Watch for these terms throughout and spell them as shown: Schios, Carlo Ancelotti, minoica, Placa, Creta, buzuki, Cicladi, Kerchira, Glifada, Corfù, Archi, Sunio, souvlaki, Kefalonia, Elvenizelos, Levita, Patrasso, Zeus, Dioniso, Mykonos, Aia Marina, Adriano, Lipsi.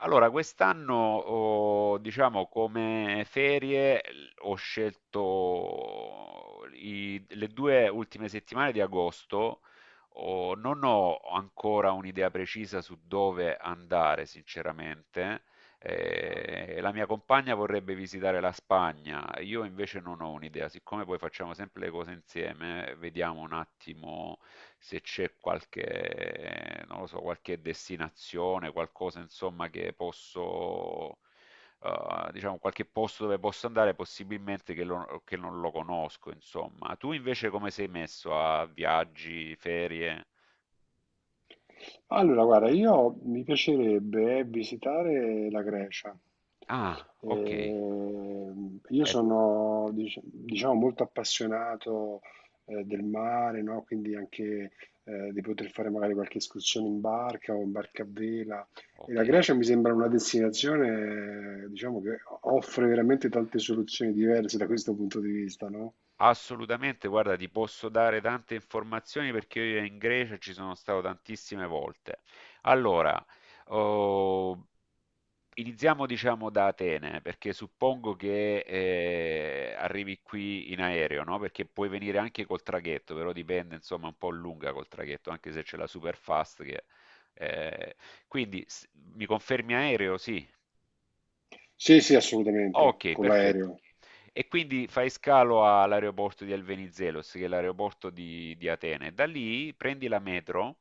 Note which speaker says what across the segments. Speaker 1: Allora, quest'anno, ho, diciamo, come ferie ho scelto le due ultime settimane di agosto. Non ho ancora un'idea precisa su dove andare, sinceramente. La mia compagna vorrebbe visitare la Spagna, io invece non ho un'idea, siccome poi facciamo sempre le cose insieme. Vediamo un attimo se c'è qualche, non lo so, qualche destinazione, qualcosa insomma che posso, diciamo, qualche posto dove posso andare, possibilmente che, che non lo conosco, insomma. Tu invece come sei messo a viaggi, ferie?
Speaker 2: Allora, guarda, io mi piacerebbe visitare la Grecia.
Speaker 1: Ah, ok.
Speaker 2: Io
Speaker 1: Eh,
Speaker 2: sono, diciamo, molto appassionato, del mare, no? Quindi anche, di poter fare magari qualche escursione in barca o in barca a vela. E
Speaker 1: ok.
Speaker 2: la Grecia mi sembra una destinazione, diciamo, che offre veramente tante soluzioni diverse da questo punto di vista, no?
Speaker 1: Assolutamente, guarda, ti posso dare tante informazioni perché io in Grecia ci sono stato tantissime volte. Allora, oh, iniziamo diciamo da Atene, perché suppongo che arrivi qui in aereo, no? Perché puoi venire anche col traghetto, però dipende, insomma, un po' lunga col traghetto, anche se c'è la super fast che. eh, Quindi mi confermi aereo? Sì.
Speaker 2: Sì, sì, assolutamente,
Speaker 1: Okay,
Speaker 2: con
Speaker 1: perfetto.
Speaker 2: l'aereo.
Speaker 1: E quindi fai scalo all'aeroporto di Elvenizelos, che è l'aeroporto di Atene. Da lì prendi la metro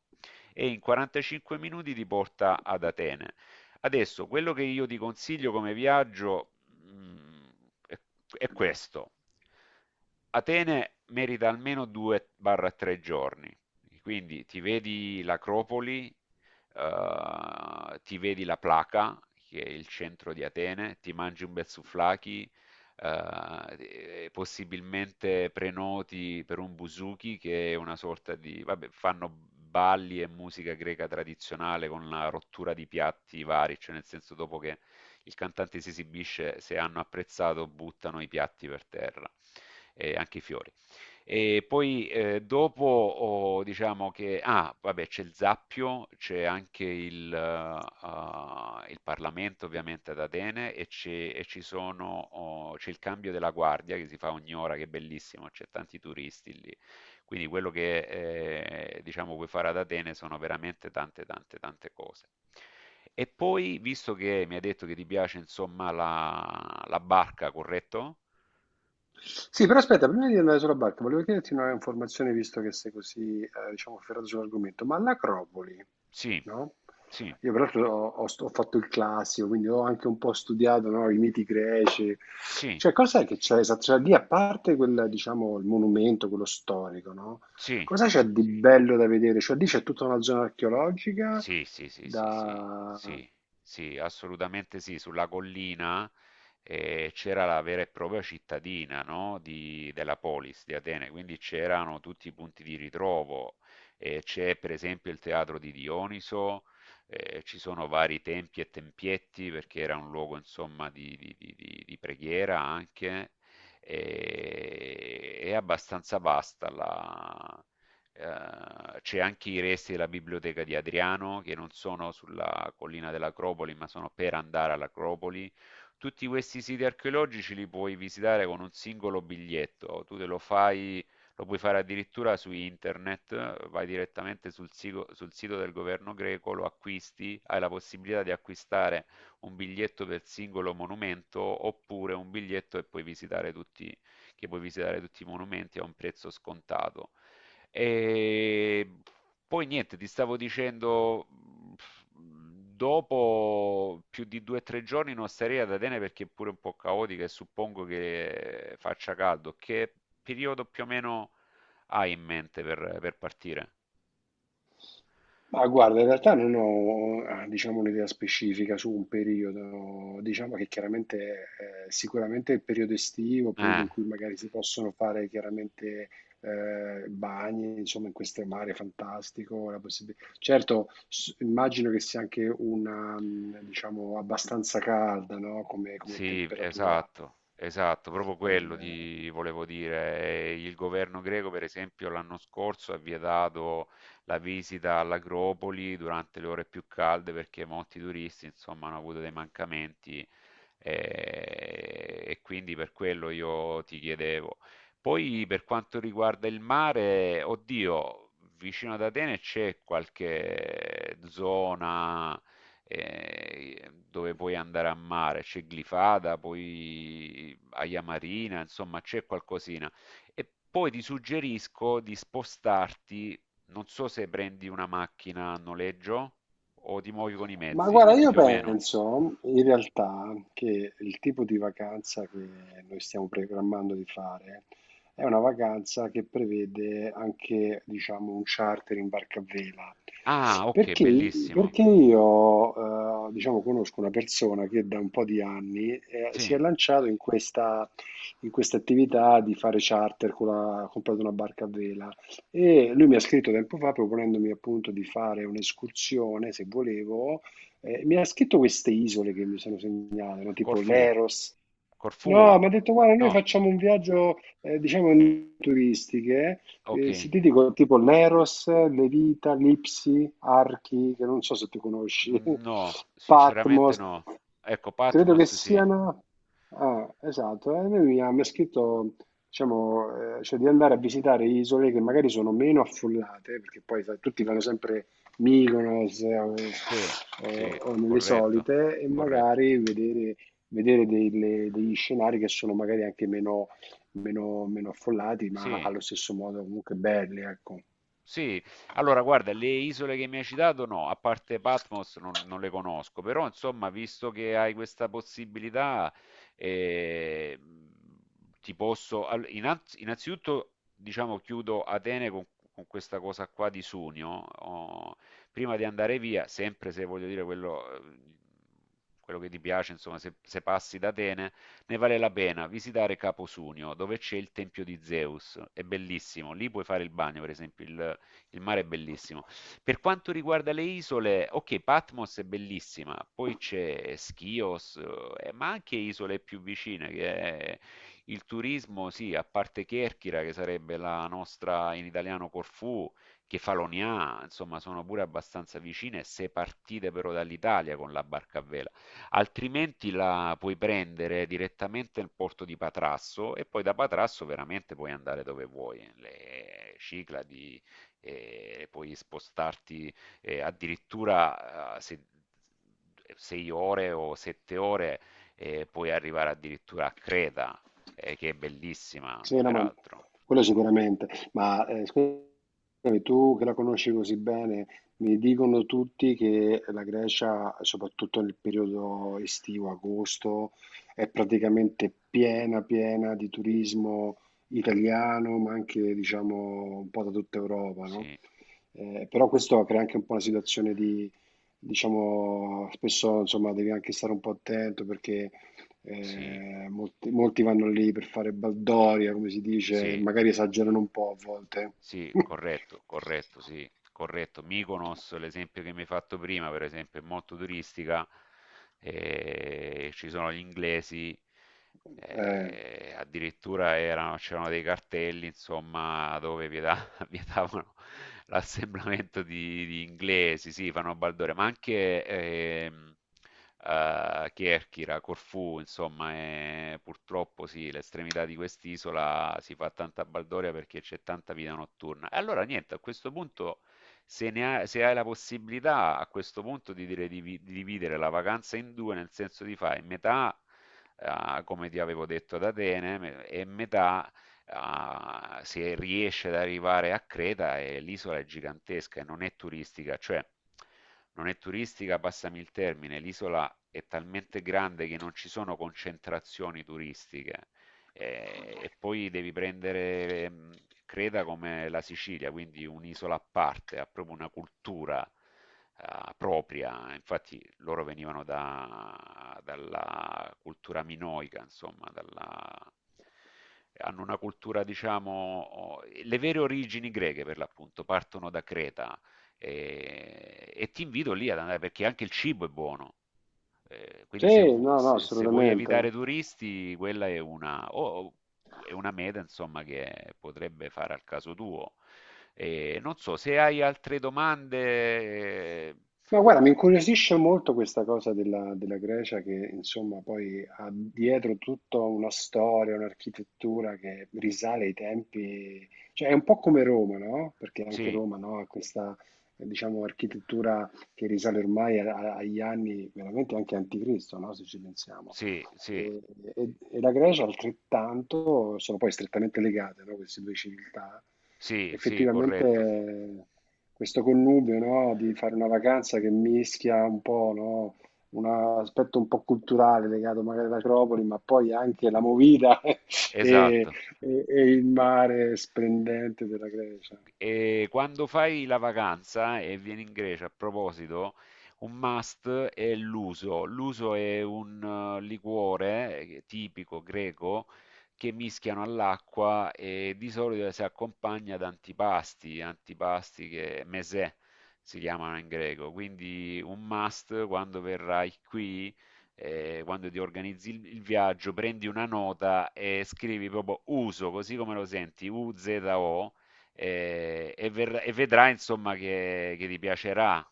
Speaker 1: e in 45 minuti ti porta ad Atene. Adesso, quello che io ti consiglio come viaggio, mhmm, è è questo. Atene merita almeno 2 o 3 giorni, quindi ti vedi l'Acropoli, ti vedi la Placa, che è il centro di Atene. Ti mangi un bel souvlaki, eh, e possibilmente prenoti per un buzuki, che è una sorta di, vabbè, fanno balli e musica greca tradizionale con la rottura di piatti vari, cioè nel senso dopo che il cantante si esibisce, se hanno apprezzato, buttano i piatti per terra e anche i fiori. E poi, dopo ho diciamo che ah, vabbè, c'è il Zappio, c'è anche il Parlamento ovviamente ad Atene. E c'è, e ci sono, o c'è il cambio della guardia che si fa ogni ora, che è bellissimo, c'è tanti turisti lì. Quindi quello che, diciamo, puoi fare ad Atene sono veramente tante, tante, tante cose. E poi, visto che mi hai detto che ti piace insomma la barca, corretto?
Speaker 2: Sì, però aspetta, prima di andare sulla barca, volevo chiederti una informazione, visto che sei così, diciamo, ferrato sull'argomento, ma l'Acropoli,
Speaker 1: Sì,
Speaker 2: no?
Speaker 1: sì,
Speaker 2: Io peraltro ho, ho fatto il classico, quindi ho anche un po' studiato, no, i miti greci.
Speaker 1: sì.
Speaker 2: Cioè, cos'è che c'è esatto? Cioè, lì, a parte quel, diciamo, il monumento, quello storico, no?
Speaker 1: Sì.
Speaker 2: Cosa c'è di bello da vedere? Cioè, lì c'è tutta una zona archeologica
Speaker 1: Sì, sì, sì, sì, sì,
Speaker 2: da...
Speaker 1: sì, sì, assolutamente sì. Sulla collina, c'era la vera e propria cittadina, no? Della polis di Atene, quindi c'erano tutti i punti di ritrovo. C'è per esempio il teatro di Dioniso. Ci sono vari tempi e tempietti perché era un luogo insomma di preghiera anche. E, è abbastanza vasta. La C'è anche i resti della biblioteca di Adriano, che non sono sulla collina dell'Acropoli, ma sono per andare all'Acropoli. Tutti questi siti archeologici li puoi visitare con un singolo biglietto. Tu te lo fai, lo puoi fare addirittura su internet, vai direttamente sul sito del governo greco, lo acquisti, hai la possibilità di acquistare un biglietto per singolo monumento oppure un biglietto e puoi visitare tutti, che puoi visitare tutti i monumenti a un prezzo scontato. E poi niente, ti stavo dicendo, dopo più di due o tre giorni non starei ad Atene perché è pure un po' caotica e suppongo che faccia caldo. Che periodo più o meno hai in mente per partire?
Speaker 2: Ma guarda, in realtà non ho, ah, diciamo, un'idea specifica su un periodo, diciamo che chiaramente sicuramente il periodo estivo, il periodo
Speaker 1: Eh.
Speaker 2: in cui magari si possono fare chiaramente bagni, insomma in queste mare fantastico, la possib- Certo, s- immagino che sia anche una, diciamo, abbastanza calda, no? Come, come
Speaker 1: Sì,
Speaker 2: temperatura.
Speaker 1: esatto, esatto, proprio quello
Speaker 2: eh,
Speaker 1: ti volevo dire. Il governo greco, per esempio, l'anno scorso ha vietato la visita all'Acropoli durante le ore più calde perché molti turisti, insomma, hanno avuto dei mancamenti, e quindi per quello io ti chiedevo. Poi per quanto riguarda il mare, oddio, vicino ad Atene c'è qualche zona, dove puoi andare a mare. C'è Glifada, poi Aia Marina, insomma c'è qualcosina. E poi ti suggerisco di spostarti, non so se prendi una macchina a noleggio o ti muovi con i
Speaker 2: Ma
Speaker 1: mezzi,
Speaker 2: guarda, io
Speaker 1: più o meno.
Speaker 2: penso in realtà che il tipo di vacanza che noi stiamo programmando di fare è una vacanza che prevede anche, diciamo, un charter in barca a vela.
Speaker 1: Ah, ok,
Speaker 2: Perché,
Speaker 1: bellissimo.
Speaker 2: perché io, diciamo, conosco una persona che da un po' di anni, si è
Speaker 1: Sì.
Speaker 2: lanciato in questa attività di fare charter con la, ha comprato una barca a vela. E lui mi ha scritto tempo fa proponendomi appunto di fare un'escursione, se volevo mi ha scritto queste isole che mi sono segnato, no? Tipo
Speaker 1: Corfù.
Speaker 2: Leros.
Speaker 1: Corfù.
Speaker 2: No, mi ha detto, guarda, noi
Speaker 1: No,
Speaker 2: facciamo un viaggio, diciamo, in turistiche,
Speaker 1: ok.
Speaker 2: eh, se ti dico tipo Leros, Levita, Lipsi, Archi, che non so se tu conosci,
Speaker 1: No, sinceramente
Speaker 2: Patmos,
Speaker 1: no. Ecco,
Speaker 2: credo che
Speaker 1: Patmos sì.
Speaker 2: siano... Ah, esatto, e lui mi ha scritto, diciamo, cioè di andare a visitare isole che magari sono meno affollate, perché poi sai, tutti vanno sempre Mykonos
Speaker 1: Sì, sì,
Speaker 2: o nelle
Speaker 1: corretto,
Speaker 2: solite e
Speaker 1: corretto.
Speaker 2: magari vedere, degli scenari che sono magari anche meno, meno affollati, ma
Speaker 1: Sì,
Speaker 2: allo stesso modo comunque belli, ecco.
Speaker 1: sì, allora guarda, le isole che mi hai citato no, a parte Patmos non le conosco, però insomma, visto che hai questa possibilità, eh, ti posso. Innanzitutto, diciamo, chiudo Atene con questa cosa qua di Sunio. Oh, Prima di andare via, sempre se voglio dire quello, quello che ti piace, insomma, se passi da Atene, ne vale la pena visitare Capo Sunio, dove c'è il tempio di Zeus, è bellissimo, lì puoi fare il bagno, per esempio, il mare è bellissimo. Per quanto riguarda le isole, okay, Patmos è bellissima, poi c'è Schios, ma anche isole più vicine che è il turismo sì, a parte Kerchira, che sarebbe la nostra in italiano Corfù, Kefalonia, insomma sono pure abbastanza vicine se partite però dall'Italia con la barca a vela. Altrimenti la puoi prendere direttamente nel porto di Patrasso e poi da Patrasso veramente puoi andare dove vuoi, le Cicladi, e puoi spostarti, addirittura, se, 6 ore o 7 ore, puoi arrivare addirittura a Creta, che è bellissima,
Speaker 2: Sì, no, ma
Speaker 1: peraltro.
Speaker 2: quello sicuramente, ma scusami, tu che la conosci così bene, mi dicono tutti che la Grecia, soprattutto nel periodo estivo, agosto, è praticamente piena, piena di turismo italiano, ma anche, diciamo, un po' da tutta Europa, no?
Speaker 1: Sì,
Speaker 2: Però questo crea anche un po' una situazione diciamo, spesso insomma devi anche stare un po' attento perché
Speaker 1: sì,
Speaker 2: molti vanno lì per fare baldoria, come si dice, e
Speaker 1: sì,
Speaker 2: magari esagerano un po' a volte.
Speaker 1: sì, corretto, corretto, sì, corretto. Mykonos, l'esempio che mi hai fatto prima, per esempio, è molto turistica, ci sono gli inglesi,
Speaker 2: Eh,
Speaker 1: addirittura c'erano dei cartelli, insomma, dove vietavano al mio tavolo l'assemblamento di inglesi, sì, fanno Baldore, ma anche Kerchira, Corfù, insomma, e purtroppo sì, l'estremità di quest'isola si fa tanta baldoria perché c'è tanta vita notturna. E allora niente, a questo punto, se, ne hai, se hai la possibilità, a questo punto di dire di, di dividere la vacanza in due, nel senso di fare metà, come ti avevo detto ad Atene, e metà, se riesce ad arrivare a Creta. E l'isola è gigantesca e non è turistica, cioè non è turistica, passami il termine, l'isola è talmente grande che non ci sono concentrazioni turistiche, e poi devi prendere, Creta come la Sicilia, quindi un'isola a parte, ha proprio una cultura, propria. Infatti loro venivano dalla cultura minoica, insomma, hanno una cultura, diciamo, le vere origini greche per l'appunto partono da Creta. E ti invito lì ad andare perché anche il cibo è buono. Quindi se,
Speaker 2: sì,
Speaker 1: vu-
Speaker 2: no, no,
Speaker 1: se- se vuoi
Speaker 2: assolutamente.
Speaker 1: evitare turisti, quella è una, è una meta, insomma, che potrebbe fare al caso tuo. Non so, se hai altre domande,
Speaker 2: No, guarda, mi incuriosisce molto questa cosa della, della Grecia che insomma poi ha dietro tutta una storia, un'architettura che risale ai tempi, cioè è un po' come Roma, no? Perché anche
Speaker 1: sì,
Speaker 2: Roma, no, ha questa, diciamo, architettura che risale ormai agli anni veramente anche anticristo, no? Se ci pensiamo.
Speaker 1: sì,
Speaker 2: E,
Speaker 1: sì,
Speaker 2: e la Grecia altrettanto, sono poi strettamente legate, no? Queste due civiltà.
Speaker 1: sì, sì, corretto,
Speaker 2: Effettivamente questo connubio, no, di fare una vacanza che mischia un po', no, un aspetto un po' culturale legato magari all'Acropoli, ma poi anche la movida e,
Speaker 1: esatto.
Speaker 2: e il mare splendente della Grecia.
Speaker 1: E quando fai la vacanza e vieni in Grecia, a proposito, un must è l'uso. L'uso è un liquore tipico greco che mischiano all'acqua e di solito si accompagna ad antipasti, antipasti che mesè si chiamano in greco. Quindi un must quando verrai qui, quando ti organizzi il viaggio, prendi una nota e scrivi proprio uso, così come lo senti, Uzo, e vedrà insomma che ti piacerà.